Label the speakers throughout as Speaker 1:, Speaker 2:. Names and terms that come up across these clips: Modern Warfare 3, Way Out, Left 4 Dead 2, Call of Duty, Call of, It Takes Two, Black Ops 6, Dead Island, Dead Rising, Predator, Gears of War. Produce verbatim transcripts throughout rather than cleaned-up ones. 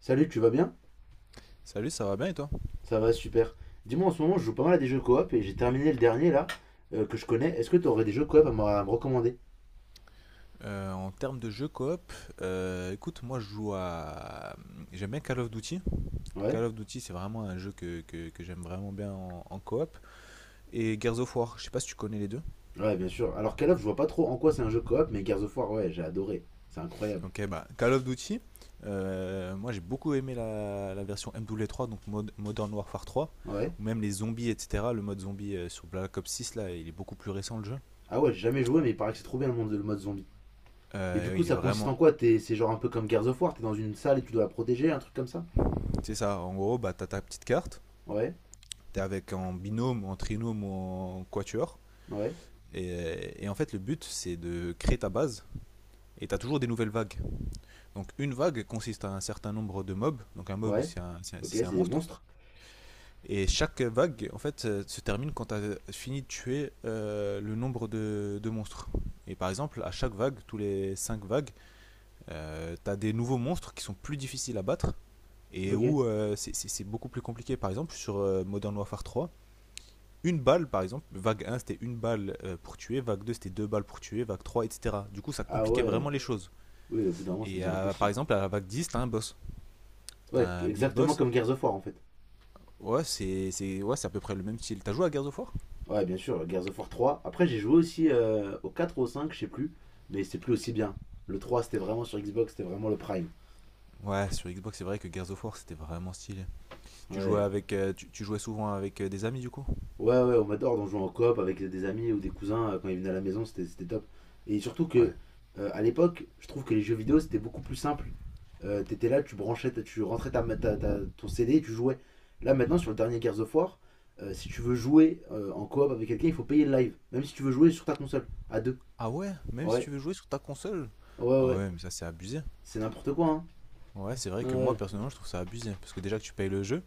Speaker 1: Salut, tu vas bien?
Speaker 2: Salut, ça va bien et toi?
Speaker 1: Ça va, super. Dis-moi, en ce moment, je joue pas mal à des jeux coop et j'ai terminé le dernier là, euh, que je connais. Est-ce que tu aurais des jeux coop à me, à me recommander?
Speaker 2: Euh, en termes de jeux coop, euh, écoute, moi je joue à... J'aime bien Call of Duty.
Speaker 1: Ouais?
Speaker 2: Call of Duty, c'est vraiment un jeu que, que- que j'aime vraiment bien en, en coop. Et Gears of War, je sais pas si tu connais les deux.
Speaker 1: Ouais, bien sûr. Alors, Call of, je vois pas trop en quoi c'est un jeu coop, mais Gears of War, ouais, j'ai adoré. C'est incroyable.
Speaker 2: Ok, bah Call of Duty, euh, moi j'ai beaucoup aimé la, la version M W trois, donc Mod- Modern Warfare trois,
Speaker 1: Ouais?
Speaker 2: ou même les zombies, et cetera. Le mode zombie euh, sur Black Ops six, là, il est beaucoup plus récent le jeu.
Speaker 1: Ah ouais, j'ai jamais joué, mais il paraît que c'est trop bien le monde, le mode zombie. Et du
Speaker 2: Euh,
Speaker 1: coup,
Speaker 2: il est
Speaker 1: ça consiste
Speaker 2: vraiment...
Speaker 1: en quoi? T'es, c'est genre un peu comme Gears of War, t'es dans une salle et tu dois la protéger, un truc comme ça?
Speaker 2: C'est ça, en gros, bah t'as ta petite carte,
Speaker 1: Ouais?
Speaker 2: t'es avec en binôme, en trinôme ou en quatuor.
Speaker 1: Ouais?
Speaker 2: Et, euh, et en fait, le but, c'est de créer ta base. Et tu as toujours des nouvelles vagues. Donc, une vague consiste à un certain nombre de mobs. Donc, un mob,
Speaker 1: Ouais?
Speaker 2: c'est un,
Speaker 1: Ok,
Speaker 2: c'est un-
Speaker 1: c'est des
Speaker 2: monstre.
Speaker 1: monstres?
Speaker 2: Et chaque vague, en fait, euh, se termine quand tu as fini de tuer euh, le nombre de, de monstres. Et par exemple, à chaque vague, tous les cinq vagues, euh, tu as des nouveaux monstres qui sont plus difficiles à battre et
Speaker 1: Ok.
Speaker 2: où euh, c'est- beaucoup plus compliqué. Par exemple, sur euh, Modern Warfare trois, une balle, par exemple, vague un c'était une balle euh, pour tuer, vague deux c'était deux balles pour tuer, vague trois, et cetera. Du coup, ça
Speaker 1: Ah
Speaker 2: compliquait vraiment
Speaker 1: ouais.
Speaker 2: les choses.
Speaker 1: Oui, au bout d'un moment, ça
Speaker 2: Et
Speaker 1: devient
Speaker 2: euh, par
Speaker 1: impossible, quoi.
Speaker 2: exemple, à la vague dix t'as un boss,
Speaker 1: Ouais,
Speaker 2: t'as un big
Speaker 1: exactement
Speaker 2: boss.
Speaker 1: comme Gears of War en fait.
Speaker 2: Ouais, c'est c'est- ouais, c'est à peu près le même style. T'as joué à Gears of War?
Speaker 1: Ouais, bien sûr, Gears of War trois. Après, j'ai joué aussi euh, au quatre ou au cinq, je sais plus, mais c'est plus aussi bien. Le trois, c'était vraiment sur Xbox, c'était vraiment le prime.
Speaker 2: Ouais, sur Xbox, c'est vrai que Gears of War c'était vraiment stylé. Tu jouais,
Speaker 1: Ouais.
Speaker 2: avec, euh, tu, tu jouais souvent avec euh, des amis du coup.
Speaker 1: Ouais, ouais, on adore d'en jouer en coop avec des amis ou des cousins euh, quand ils venaient à la maison, c'était c'était top. Et surtout
Speaker 2: Ouais.
Speaker 1: que, euh, à l'époque, je trouve que les jeux vidéo, c'était beaucoup plus simple. Euh, t'étais là, tu branchais, ta- tu rentrais ta, ma- ta- ta- ton C D et tu jouais. Là, maintenant, sur le dernier Gears of War, euh, si tu veux jouer euh, en coop avec quelqu'un, il faut payer le live. Même si tu veux jouer sur ta console, à deux.
Speaker 2: Ah ouais, même si
Speaker 1: Ouais,
Speaker 2: tu veux jouer sur ta console.
Speaker 1: ouais,
Speaker 2: Ah
Speaker 1: ouais.
Speaker 2: ouais, mais ça c'est abusé.
Speaker 1: C'est n'importe quoi, hein.
Speaker 2: Ouais, c'est vrai
Speaker 1: Ouais.
Speaker 2: que moi
Speaker 1: Ouais.
Speaker 2: personnellement je trouve ça abusé parce que déjà que tu payes le jeu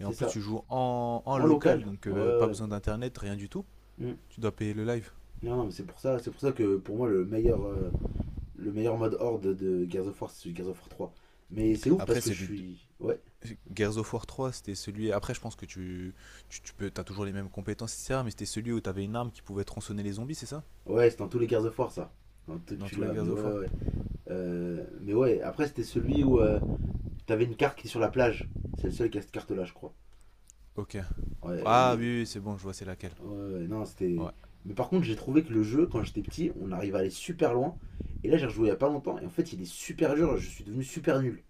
Speaker 2: et en plus tu
Speaker 1: ça.
Speaker 2: joues en, en
Speaker 1: En
Speaker 2: local
Speaker 1: local.
Speaker 2: donc
Speaker 1: Ouais,
Speaker 2: euh,
Speaker 1: ouais.
Speaker 2: pas
Speaker 1: Ouais.
Speaker 2: besoin d'internet, rien du tout.
Speaker 1: Mm.
Speaker 2: Tu dois payer le live.
Speaker 1: Non, non, mais c'est pour ça, c'est pour ça que pour moi le meilleur, euh, le meilleur mode horde de Gears of War, c'est Gears of War trois. Mais c'est ouf
Speaker 2: Après,
Speaker 1: parce que je
Speaker 2: celui de
Speaker 1: suis. Ouais.
Speaker 2: Gears of War trois, c'était celui. Après, je pense que tu, tu, tu peux, t'as toujours les mêmes compétences, et cetera. Mais c'était celui où t'avais une arme qui pouvait tronçonner les zombies, c'est ça?
Speaker 1: Ouais, c'est dans tous les Gears of War ça. Dans tout que
Speaker 2: Dans
Speaker 1: tu
Speaker 2: tous les
Speaker 1: l'as, mais
Speaker 2: Gears of
Speaker 1: ouais,
Speaker 2: War.
Speaker 1: ouais. Euh, mais ouais, après c'était celui où euh, t'avais une carte qui est sur la plage. C'est le seul qui a cette carte-là, je crois.
Speaker 2: Ok.
Speaker 1: Ouais, il
Speaker 2: Ah
Speaker 1: est-
Speaker 2: oui, oui, c'est bon, je vois c'est laquelle.
Speaker 1: ouais, ouais, non,
Speaker 2: Ouais.
Speaker 1: c'était. Mais par contre, j'ai trouvé que le jeu, quand j'étais petit, on arrivait à aller super loin. Et là, j'ai rejoué il y a pas longtemps, et en fait, il est super dur, je suis devenu super nul.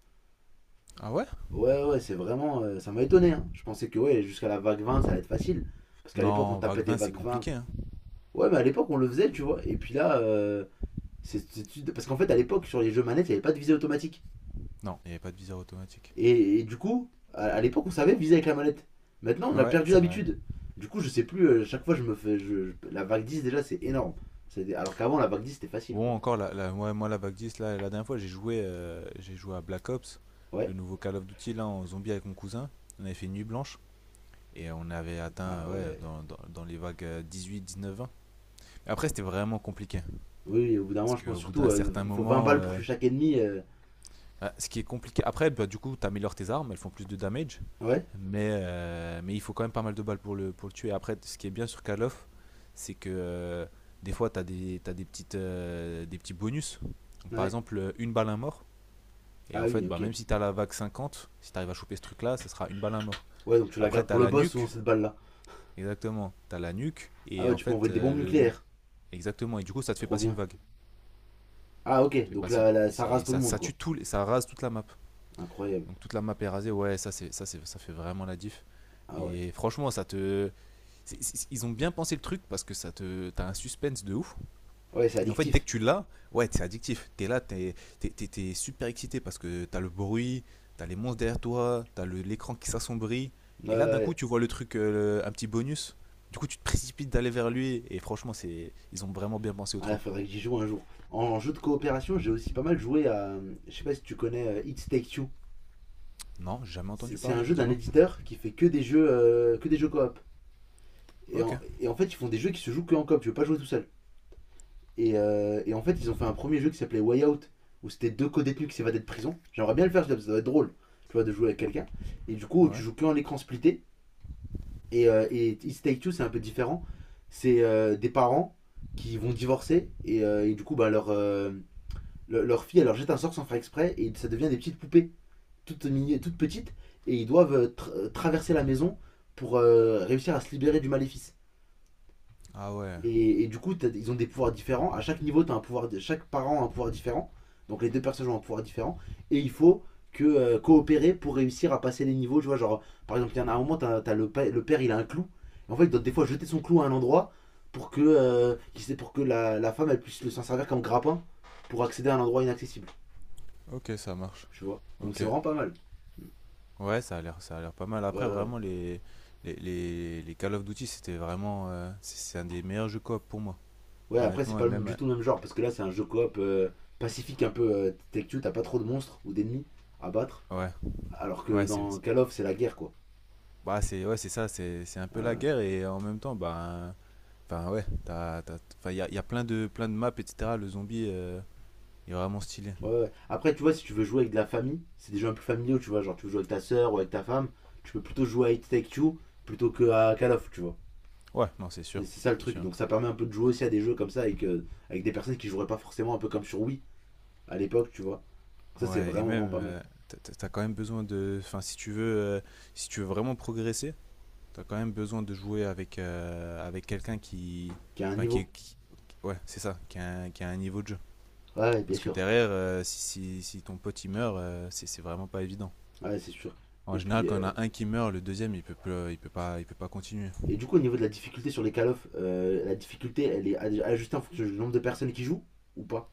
Speaker 2: Ah ouais.
Speaker 1: Ouais, ouais, c'est vraiment. Euh, ça m'a étonné, hein. Je pensais que ouais, jusqu'à la vague vingt ça allait être facile. Parce qu'à l'époque, on
Speaker 2: Non,
Speaker 1: tapait
Speaker 2: Vague
Speaker 1: des
Speaker 2: vingt, c'est
Speaker 1: vagues vingt.
Speaker 2: compliqué. Hein.
Speaker 1: Ouais, mais à l'époque, on le faisait, tu vois. Et puis là, euh, c'est, c'est- parce qu'en fait, à l'époque, sur les jeux manettes, il n'y avait pas de visée automatique.
Speaker 2: Non, il n'y avait pas de viseur automatique.
Speaker 1: Et, et du coup, à, à l'époque, on savait viser avec la manette. Maintenant, on a
Speaker 2: Ouais,
Speaker 1: perdu
Speaker 2: c'est vrai.
Speaker 1: l'habitude. Du coup, je sais plus, euh, chaque fois, je me fais. Je- je- la vague dix déjà, c'est énorme. C'est- alors qu'avant, la vague dix c'était facile,
Speaker 2: Bon,
Speaker 1: quoi.
Speaker 2: encore, la, la- ouais, moi, la Vague dix, là, la dernière fois, j'ai joué, euh, j'ai joué à Black Ops, le
Speaker 1: Ouais.
Speaker 2: nouveau Call of Duty, là, en zombie avec mon cousin. On avait fait une nuit blanche. Et on avait
Speaker 1: Ah
Speaker 2: atteint, ouais,
Speaker 1: ouais.
Speaker 2: dans, dans, dans les vagues dix-huit, dix-neuf, vingt. Après, c'était vraiment compliqué.
Speaker 1: Oui, oui, au bout d'un
Speaker 2: Parce
Speaker 1: moment, je pense
Speaker 2: qu'au bout
Speaker 1: surtout,
Speaker 2: d'un
Speaker 1: euh,
Speaker 2: certain
Speaker 1: il faut vingt
Speaker 2: moment,
Speaker 1: balles pour
Speaker 2: euh,
Speaker 1: tuer chaque ennemi. euh.
Speaker 2: bah, ce qui est compliqué. Après, bah, du coup, tu améliores tes armes, elles font plus de damage.
Speaker 1: Ouais,
Speaker 2: Mais, euh, mais il faut quand même pas mal de balles pour le, pour le tuer. Après, ce qui est bien sur Call of, c'est que euh, des fois, tu as, des, t'as des, petites, euh, des petits bonus. Donc, par
Speaker 1: ouais.
Speaker 2: exemple, euh, une balle, un mort. Et
Speaker 1: Ah
Speaker 2: en
Speaker 1: oui,
Speaker 2: fait, bah,
Speaker 1: ok.
Speaker 2: même si tu as la vague cinquante, si tu arrives à choper ce truc-là, ce sera une balle, un mort.
Speaker 1: Ouais, donc tu la
Speaker 2: Après,
Speaker 1: gardes
Speaker 2: tu
Speaker 1: pour
Speaker 2: as
Speaker 1: le
Speaker 2: la
Speaker 1: boss souvent
Speaker 2: nuque.
Speaker 1: cette balle là.
Speaker 2: Exactement, t'as la nuque.
Speaker 1: Ah
Speaker 2: Et
Speaker 1: ouais,
Speaker 2: en
Speaker 1: tu peux
Speaker 2: fait,
Speaker 1: envoyer des
Speaker 2: euh,
Speaker 1: bombes
Speaker 2: le,
Speaker 1: nucléaires.
Speaker 2: Exactement, et du coup ça te fait
Speaker 1: Trop
Speaker 2: passer une
Speaker 1: bien.
Speaker 2: vague.
Speaker 1: Ah
Speaker 2: Ça te
Speaker 1: ok,
Speaker 2: fait
Speaker 1: donc
Speaker 2: passer-
Speaker 1: là, là, ça rase
Speaker 2: c'est-
Speaker 1: tout le
Speaker 2: ça,
Speaker 1: monde
Speaker 2: ça
Speaker 1: quoi.
Speaker 2: tue tout, ça rase toute la map.
Speaker 1: Incroyable.
Speaker 2: Donc toute la map est rasée, ouais, ça, c'est, ça, c'est, ça fait vraiment la diff.
Speaker 1: Ah ouais.
Speaker 2: Et franchement, ça te. C'est- c'est- ils ont bien pensé le truc parce que ça te. T'as un suspense de ouf.
Speaker 1: Ouais, c'est
Speaker 2: Et en fait, dès que
Speaker 1: addictif.
Speaker 2: tu l'as, ouais, t'es addictif. T'es là, t'es, t'es, t'es- t'es super excité parce que t'as le bruit, t'as les monstres derrière toi, t'as le- l'écran qui s'assombrit.
Speaker 1: Ouais, ouais.
Speaker 2: Et là, d'un coup,
Speaker 1: Ouais.
Speaker 2: tu vois le truc, euh, le- un petit bonus. Du coup, tu te précipites d'aller vers lui. Et franchement, c'est, ils ont vraiment bien pensé au
Speaker 1: Ah,
Speaker 2: truc.
Speaker 1: faudrait que j'y joue un jour. En jeu de coopération, j'ai aussi pas mal joué à. Je sais pas si tu connais euh, It Takes Two.
Speaker 2: Non, jamais
Speaker 1: C'est
Speaker 2: entendu
Speaker 1: c'est un
Speaker 2: parler,
Speaker 1: jeu d'un
Speaker 2: dis-moi.
Speaker 1: éditeur qui fait que des jeux, euh, que des jeux coop. Et
Speaker 2: Ok.
Speaker 1: en, et en fait, ils font des jeux qui se jouent que en coop. Tu veux pas jouer tout seul. Et, euh, et en fait, ils ont fait un premier jeu qui s'appelait Way Out, où c'était deux co-détenus qui s'évadaient de prison. J'aimerais bien le faire, ça doit être drôle, tu vois, de jouer avec quelqu'un. Et du coup, tu
Speaker 2: Ouais.
Speaker 1: joues que en écran splitté. Et, euh, et It's Take Two, c'est un peu différent. C'est euh, des parents qui vont divorcer, et, euh, et du coup, bah, leur, euh, le- leur fille, elle leur jette un sort sans faire exprès, et ça devient des petites poupées, toutes, mini- toutes petites, et ils doivent euh, tra- traverser la maison pour euh, réussir à se libérer du maléfice.
Speaker 2: Ah ouais,
Speaker 1: Et, et du coup, t'as- ils ont des pouvoirs différents. À chaque niveau, t'as un pouvoir, di- chaque parent a un pouvoir différent. Donc les deux personnages ont un pouvoir différent. Et il faut que euh, coopérer pour réussir à passer les niveaux. Tu vois, genre, par exemple, il y en a un moment, t'as, t'as le, pa- le père, il a un clou. Et en fait, il doit des fois jeter son clou à un endroit pour que, euh, qu'il sait- pour que la, la femme, elle puisse le s'en servir comme grappin pour accéder à un endroit inaccessible.
Speaker 2: ok, ça marche.
Speaker 1: Tu vois. Donc
Speaker 2: Ok.
Speaker 1: c'est vraiment pas mal.
Speaker 2: Ouais, ça a l'air, ça a l'air pas mal.
Speaker 1: Ouais,
Speaker 2: Après,
Speaker 1: ouais. Ouais,
Speaker 2: vraiment, les, les, les, les Call of Duty, c'était vraiment. euh, c'est c'est un des meilleurs jeux coop pour moi,
Speaker 1: ouais, après, c'est
Speaker 2: honnêtement. Et
Speaker 1: pas le-
Speaker 2: même. euh,
Speaker 1: du tout le même genre. Parce que là, c'est un jeu coop euh, pacifique un peu euh, tech-tu. T'as pas trop de monstres ou d'ennemis à battre.
Speaker 2: Ouais,
Speaker 1: Alors que
Speaker 2: ouais, c'est.
Speaker 1: dans
Speaker 2: c'est-
Speaker 1: Call of, c'est la guerre, quoi.
Speaker 2: Bah, c'est ouais, c'est ça, c'est c'est un peu la
Speaker 1: Euh,
Speaker 2: guerre et en même temps, bah. Enfin, ouais, t'as, t'as, enfin, il y a, il y a plein de, plein de maps, et cetera. Le zombie euh, il est vraiment stylé.
Speaker 1: ouais, ouais. Après, tu vois, si tu veux jouer avec de la famille, c'est des jeux un peu familiaux, tu vois. Genre, tu veux jouer avec ta soeur ou avec ta femme, tu peux plutôt jouer à It Take Two plutôt que à Call of, tu vois.
Speaker 2: Ouais, non, c'est
Speaker 1: C'est
Speaker 2: sûr,
Speaker 1: c'est ça le
Speaker 2: c'est
Speaker 1: truc.
Speaker 2: sûr.
Speaker 1: Donc, ça permet un peu de jouer aussi à des jeux comme ça avec, euh, avec des personnes qui joueraient pas forcément un peu comme sur Wii à l'époque, tu vois. Donc, ça, c'est
Speaker 2: Ouais, et
Speaker 1: vraiment,
Speaker 2: même,
Speaker 1: vraiment pas mal.
Speaker 2: euh, t'as t'as- t'as quand même besoin de. Enfin, si tu veux, euh, si tu veux vraiment progresser. T'as quand même besoin de jouer avec, euh, avec quelqu'un qui.
Speaker 1: Qui a un
Speaker 2: Enfin, qui, est-
Speaker 1: niveau.
Speaker 2: qui- Ouais, c'est ça, qui a, un, qui a un niveau de jeu.
Speaker 1: Ouais, ouais, bien
Speaker 2: Parce que
Speaker 1: sûr.
Speaker 2: derrière, euh, si, si, si ton pote il meurt, euh, c'est c'est vraiment pas évident.
Speaker 1: Ouais, c'est sûr.
Speaker 2: En
Speaker 1: Et
Speaker 2: général,
Speaker 1: puis,
Speaker 2: quand on
Speaker 1: euh,
Speaker 2: a un qui meurt, le deuxième il peut, plus- il peut, pas, il peut pas continuer.
Speaker 1: et du coup, au niveau de la difficulté sur les Call of, euh, la difficulté, elle est ad- ajustée en fonction du nombre de personnes qui jouent ou pas.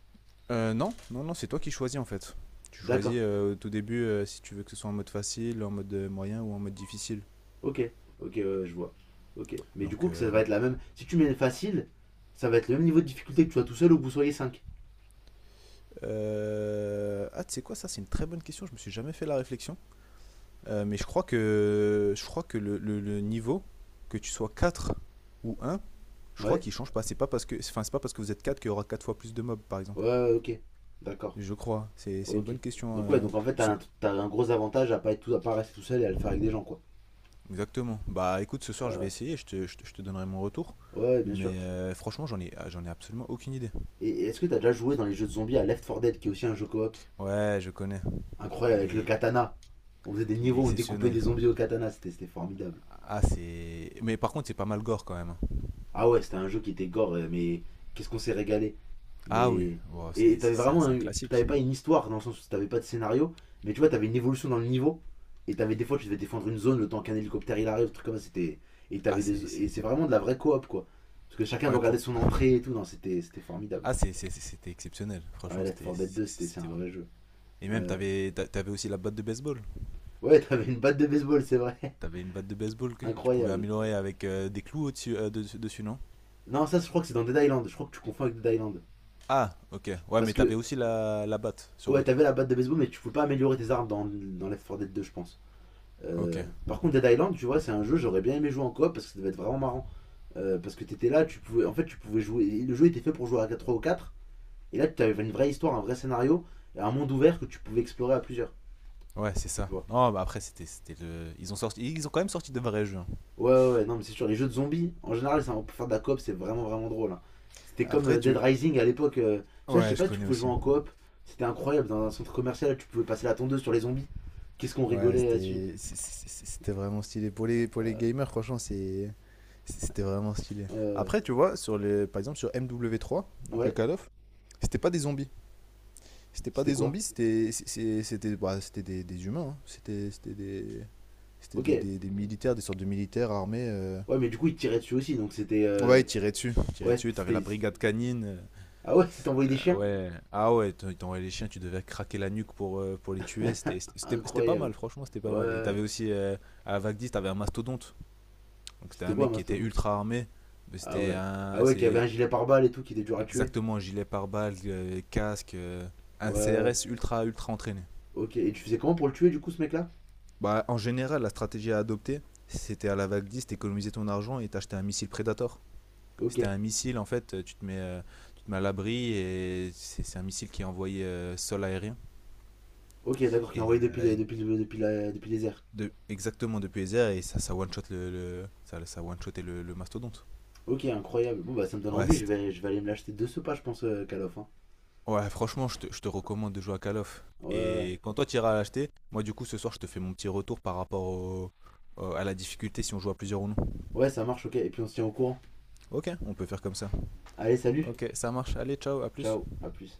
Speaker 2: Euh, non, non, non, c'est toi qui choisis en fait. Tu
Speaker 1: D'accord.
Speaker 2: choisis euh, au tout début euh, si tu veux que ce soit en mode facile, en mode euh, moyen ou en mode difficile.
Speaker 1: Ok, ok, ouais, ouais, je vois. Ok. Mais du
Speaker 2: Donc,
Speaker 1: coup, que ça
Speaker 2: euh,
Speaker 1: va
Speaker 2: mais-
Speaker 1: être la même. Si tu mets facile, ça va être le même niveau de difficulté que tu sois tout seul ou que vous soyez cinq.
Speaker 2: Euh, ah, tu sais quoi, ça c'est une très bonne question, je me suis jamais fait la réflexion. Euh, mais je crois que, je crois que le, le- le niveau, que tu sois quatre ou un, je crois
Speaker 1: Ouais?
Speaker 2: qu'il change pas. C'est pas parce que, enfin, c'est pas parce que vous êtes quatre qu'il y aura quatre fois plus de mobs, par exemple.
Speaker 1: Ouais, ouais, ok. D'accord.
Speaker 2: Je crois. C'est c'est une
Speaker 1: Ok.
Speaker 2: bonne question.
Speaker 1: Donc, ouais,
Speaker 2: euh,
Speaker 1: donc en fait, t'as
Speaker 2: ce-
Speaker 1: un, t'as un gros avantage à pas être tout, à pas rester tout seul et à le faire avec des gens, quoi.
Speaker 2: Exactement. Bah écoute, ce
Speaker 1: Ouais,
Speaker 2: soir je vais
Speaker 1: ouais,
Speaker 2: essayer, je te, je te- je te donnerai mon retour.
Speaker 1: ouais, bien sûr.
Speaker 2: Mais euh, franchement, j'en ai, ah, j'en ai absolument aucune idée.
Speaker 1: Et, et est-ce que t'as déjà joué dans les jeux de zombies à Left four Dead, qui est aussi un jeu coop
Speaker 2: Ouais, je connais.
Speaker 1: incroyable
Speaker 2: Il
Speaker 1: avec le
Speaker 2: est,
Speaker 1: katana? On faisait des
Speaker 2: il est
Speaker 1: niveaux, on découpait
Speaker 2: exceptionnel.
Speaker 1: des zombies au katana, c'était c'était formidable.
Speaker 2: Ah, c'est. Mais par contre, c'est pas mal gore quand même.
Speaker 1: Ah ouais, c'était un jeu qui était gore, euh, mais qu'est-ce qu'on s'est régalé.
Speaker 2: Ah oui,
Speaker 1: Mais.
Speaker 2: Wow,
Speaker 1: Et
Speaker 2: c'est c'est-
Speaker 1: t'avais
Speaker 2: c'est un,
Speaker 1: vraiment.
Speaker 2: c'est un
Speaker 1: un- T'avais
Speaker 2: classique.
Speaker 1: pas une histoire dans le sens où t'avais pas de scénario, mais tu vois, t'avais une évolution dans le niveau. Et t'avais des fois, tu devais défendre une zone le temps qu'un hélicoptère il arrive, truc comme ça. C'était. Et
Speaker 2: Ah,
Speaker 1: t'avais des.
Speaker 2: c'est. c'est-
Speaker 1: Et c'est vraiment de la vraie coop quoi. Parce que chacun
Speaker 2: Ouais,
Speaker 1: doit garder
Speaker 2: pour.
Speaker 1: son entrée et tout. Non, c'était c'était formidable.
Speaker 2: Ah, c'est- c'est- c'était exceptionnel.
Speaker 1: Ouais,
Speaker 2: Franchement,
Speaker 1: Left
Speaker 2: c'était
Speaker 1: four Dead
Speaker 2: c'est-
Speaker 1: deux, c'était c'est
Speaker 2: c'était
Speaker 1: un
Speaker 2: vrai.
Speaker 1: vrai jeu.
Speaker 2: Et même,
Speaker 1: Ouais,
Speaker 2: t'avais t'a- t'avais aussi la batte de baseball.
Speaker 1: ouais t'avais une batte de baseball, c'est vrai.
Speaker 2: T'avais une batte de baseball que tu pouvais
Speaker 1: Incroyable.
Speaker 2: améliorer avec euh, des clous au-dessus, euh, de- dessus, non?
Speaker 1: Non, ça, je crois que c'est dans Dead Island. Je crois que tu confonds avec Dead Island.
Speaker 2: Ah, ok. Ouais,
Speaker 1: Parce
Speaker 2: mais t'avais
Speaker 1: que,
Speaker 2: aussi la, la batte sur
Speaker 1: ouais,
Speaker 2: l'autre.
Speaker 1: t'avais la batte de baseball, mais tu pouvais pas améliorer tes armes dans, dans Left quatre Dead deux, je pense.
Speaker 2: Ok.
Speaker 1: Euh, par contre, Dead Island, tu vois, c'est un jeu, j'aurais bien aimé jouer en coop parce que ça devait être vraiment marrant. Euh, parce que t'étais là, tu pouvais, en fait, tu pouvais jouer. Le jeu était fait pour jouer à trois ou quatre. Et là, tu avais une vraie histoire, un vrai scénario et un monde ouvert que tu pouvais explorer à plusieurs.
Speaker 2: Ouais, c'est ça.
Speaker 1: Tu vois.
Speaker 2: Non, bah après, c'était c'était le. Ils ont sorti. Ils ont quand même sorti de vrais jeux. Hein.
Speaker 1: Ouais, ouais, ouais, non, mais c'est sûr. Les jeux de zombies, en général, ça, pour faire de la coop, c'est vraiment, vraiment drôle, hein. C'était comme
Speaker 2: Après,
Speaker 1: euh, Dead
Speaker 2: tu.
Speaker 1: Rising à l'époque. Euh, tu vois, je sais
Speaker 2: Ouais, je
Speaker 1: pas si tu
Speaker 2: connais
Speaker 1: pouvais jouer
Speaker 2: aussi.
Speaker 1: en coop. C'était incroyable. Dans un centre commercial, là, tu pouvais passer la tondeuse sur les zombies. Qu'est-ce qu'on
Speaker 2: Ouais,
Speaker 1: rigolait là-dessus.
Speaker 2: c'était c'est- c'est- c'est- c'était vraiment stylé. Pour les, pour les
Speaker 1: Euh,
Speaker 2: gamers, franchement, c'est- c'était vraiment stylé.
Speaker 1: ouais,
Speaker 2: Après, tu vois, sur les. Par exemple, sur M W trois,
Speaker 1: ouais.
Speaker 2: donc le
Speaker 1: Ouais,
Speaker 2: Call of, c'était pas des zombies. C'était pas
Speaker 1: c'était
Speaker 2: des
Speaker 1: quoi?
Speaker 2: zombies, c'était c'est- c'était bah, c'était des, des humains. Hein. C'était c'était des C'était
Speaker 1: Ok.
Speaker 2: des, des- des militaires, des sortes de militaires armés. euh.
Speaker 1: Ouais, mais du coup, il te tirait dessus aussi, donc c'était.
Speaker 2: Ouais,
Speaker 1: euh,
Speaker 2: ils tiraient dessus, ils tiraient
Speaker 1: Ouais,
Speaker 2: dessus. T'avais la
Speaker 1: c'était.
Speaker 2: brigade canine. euh,
Speaker 1: Ah ouais, il t'envoyait des
Speaker 2: la-
Speaker 1: chiens?
Speaker 2: ouais, ah ouais, t'en- t'envoyais les chiens, tu devais craquer la nuque pour euh, pour les tuer. C'était c'était c'était pas
Speaker 1: Incroyable.
Speaker 2: mal, franchement, c'était pas mal. Et
Speaker 1: Ouais.
Speaker 2: t'avais aussi euh, à Vagdis, t'avais un mastodonte. Donc c'était
Speaker 1: C'était
Speaker 2: un
Speaker 1: quoi un
Speaker 2: mec qui était
Speaker 1: mastodonte?
Speaker 2: ultra armé, mais
Speaker 1: Ah
Speaker 2: c'était
Speaker 1: ouais. Ah
Speaker 2: un
Speaker 1: ouais, qui avait
Speaker 2: c'est
Speaker 1: un gilet pare-balles et tout, qui était dur à tuer.
Speaker 2: exactement un gilet pare-balles, euh, casque, euh, un
Speaker 1: Ouais.
Speaker 2: C R S ultra ultra entraîné.
Speaker 1: Ok. Et tu faisais comment pour le tuer, du coup, ce mec-là?
Speaker 2: Bah, en général, la stratégie à adopter, c'était à la vague dix, t'économisais ton argent et t'achetais un missile Predator.
Speaker 1: Ok.
Speaker 2: C'était un missile, en fait, tu te mets, euh, tu te mets à l'abri et c'est c'est un missile qui est envoyé euh, sol-aérien.
Speaker 1: Ok, d'accord, qui
Speaker 2: Et,
Speaker 1: envoyait depuis,
Speaker 2: euh,
Speaker 1: le-
Speaker 2: et
Speaker 1: depuis, le- depuis, la- depuis les airs.
Speaker 2: de- exactement depuis les airs et ça, ça one-shot le, le- ça, ça one-shotait le, le mastodonte.
Speaker 1: Ok, incroyable. Bon, bah, ça me donne
Speaker 2: Ouais,
Speaker 1: envie, je
Speaker 2: c'était-
Speaker 1: vais, je vais aller me l'acheter de ce pas, je pense, euh, Call of, hein.
Speaker 2: ouais franchement, je te, je te recommande de jouer à Call of.
Speaker 1: Ouais, ouais.
Speaker 2: Et quand toi tu iras l'acheter, moi du coup ce soir je te fais mon petit retour par rapport au- au- à la difficulté si on joue à plusieurs ou non.
Speaker 1: Ouais, ça marche, ok. Et puis, on se tient au courant.
Speaker 2: Ok, on peut faire comme ça.
Speaker 1: Allez, salut.
Speaker 2: Ok, ça marche. Allez, ciao, à plus.
Speaker 1: Ciao. À plus.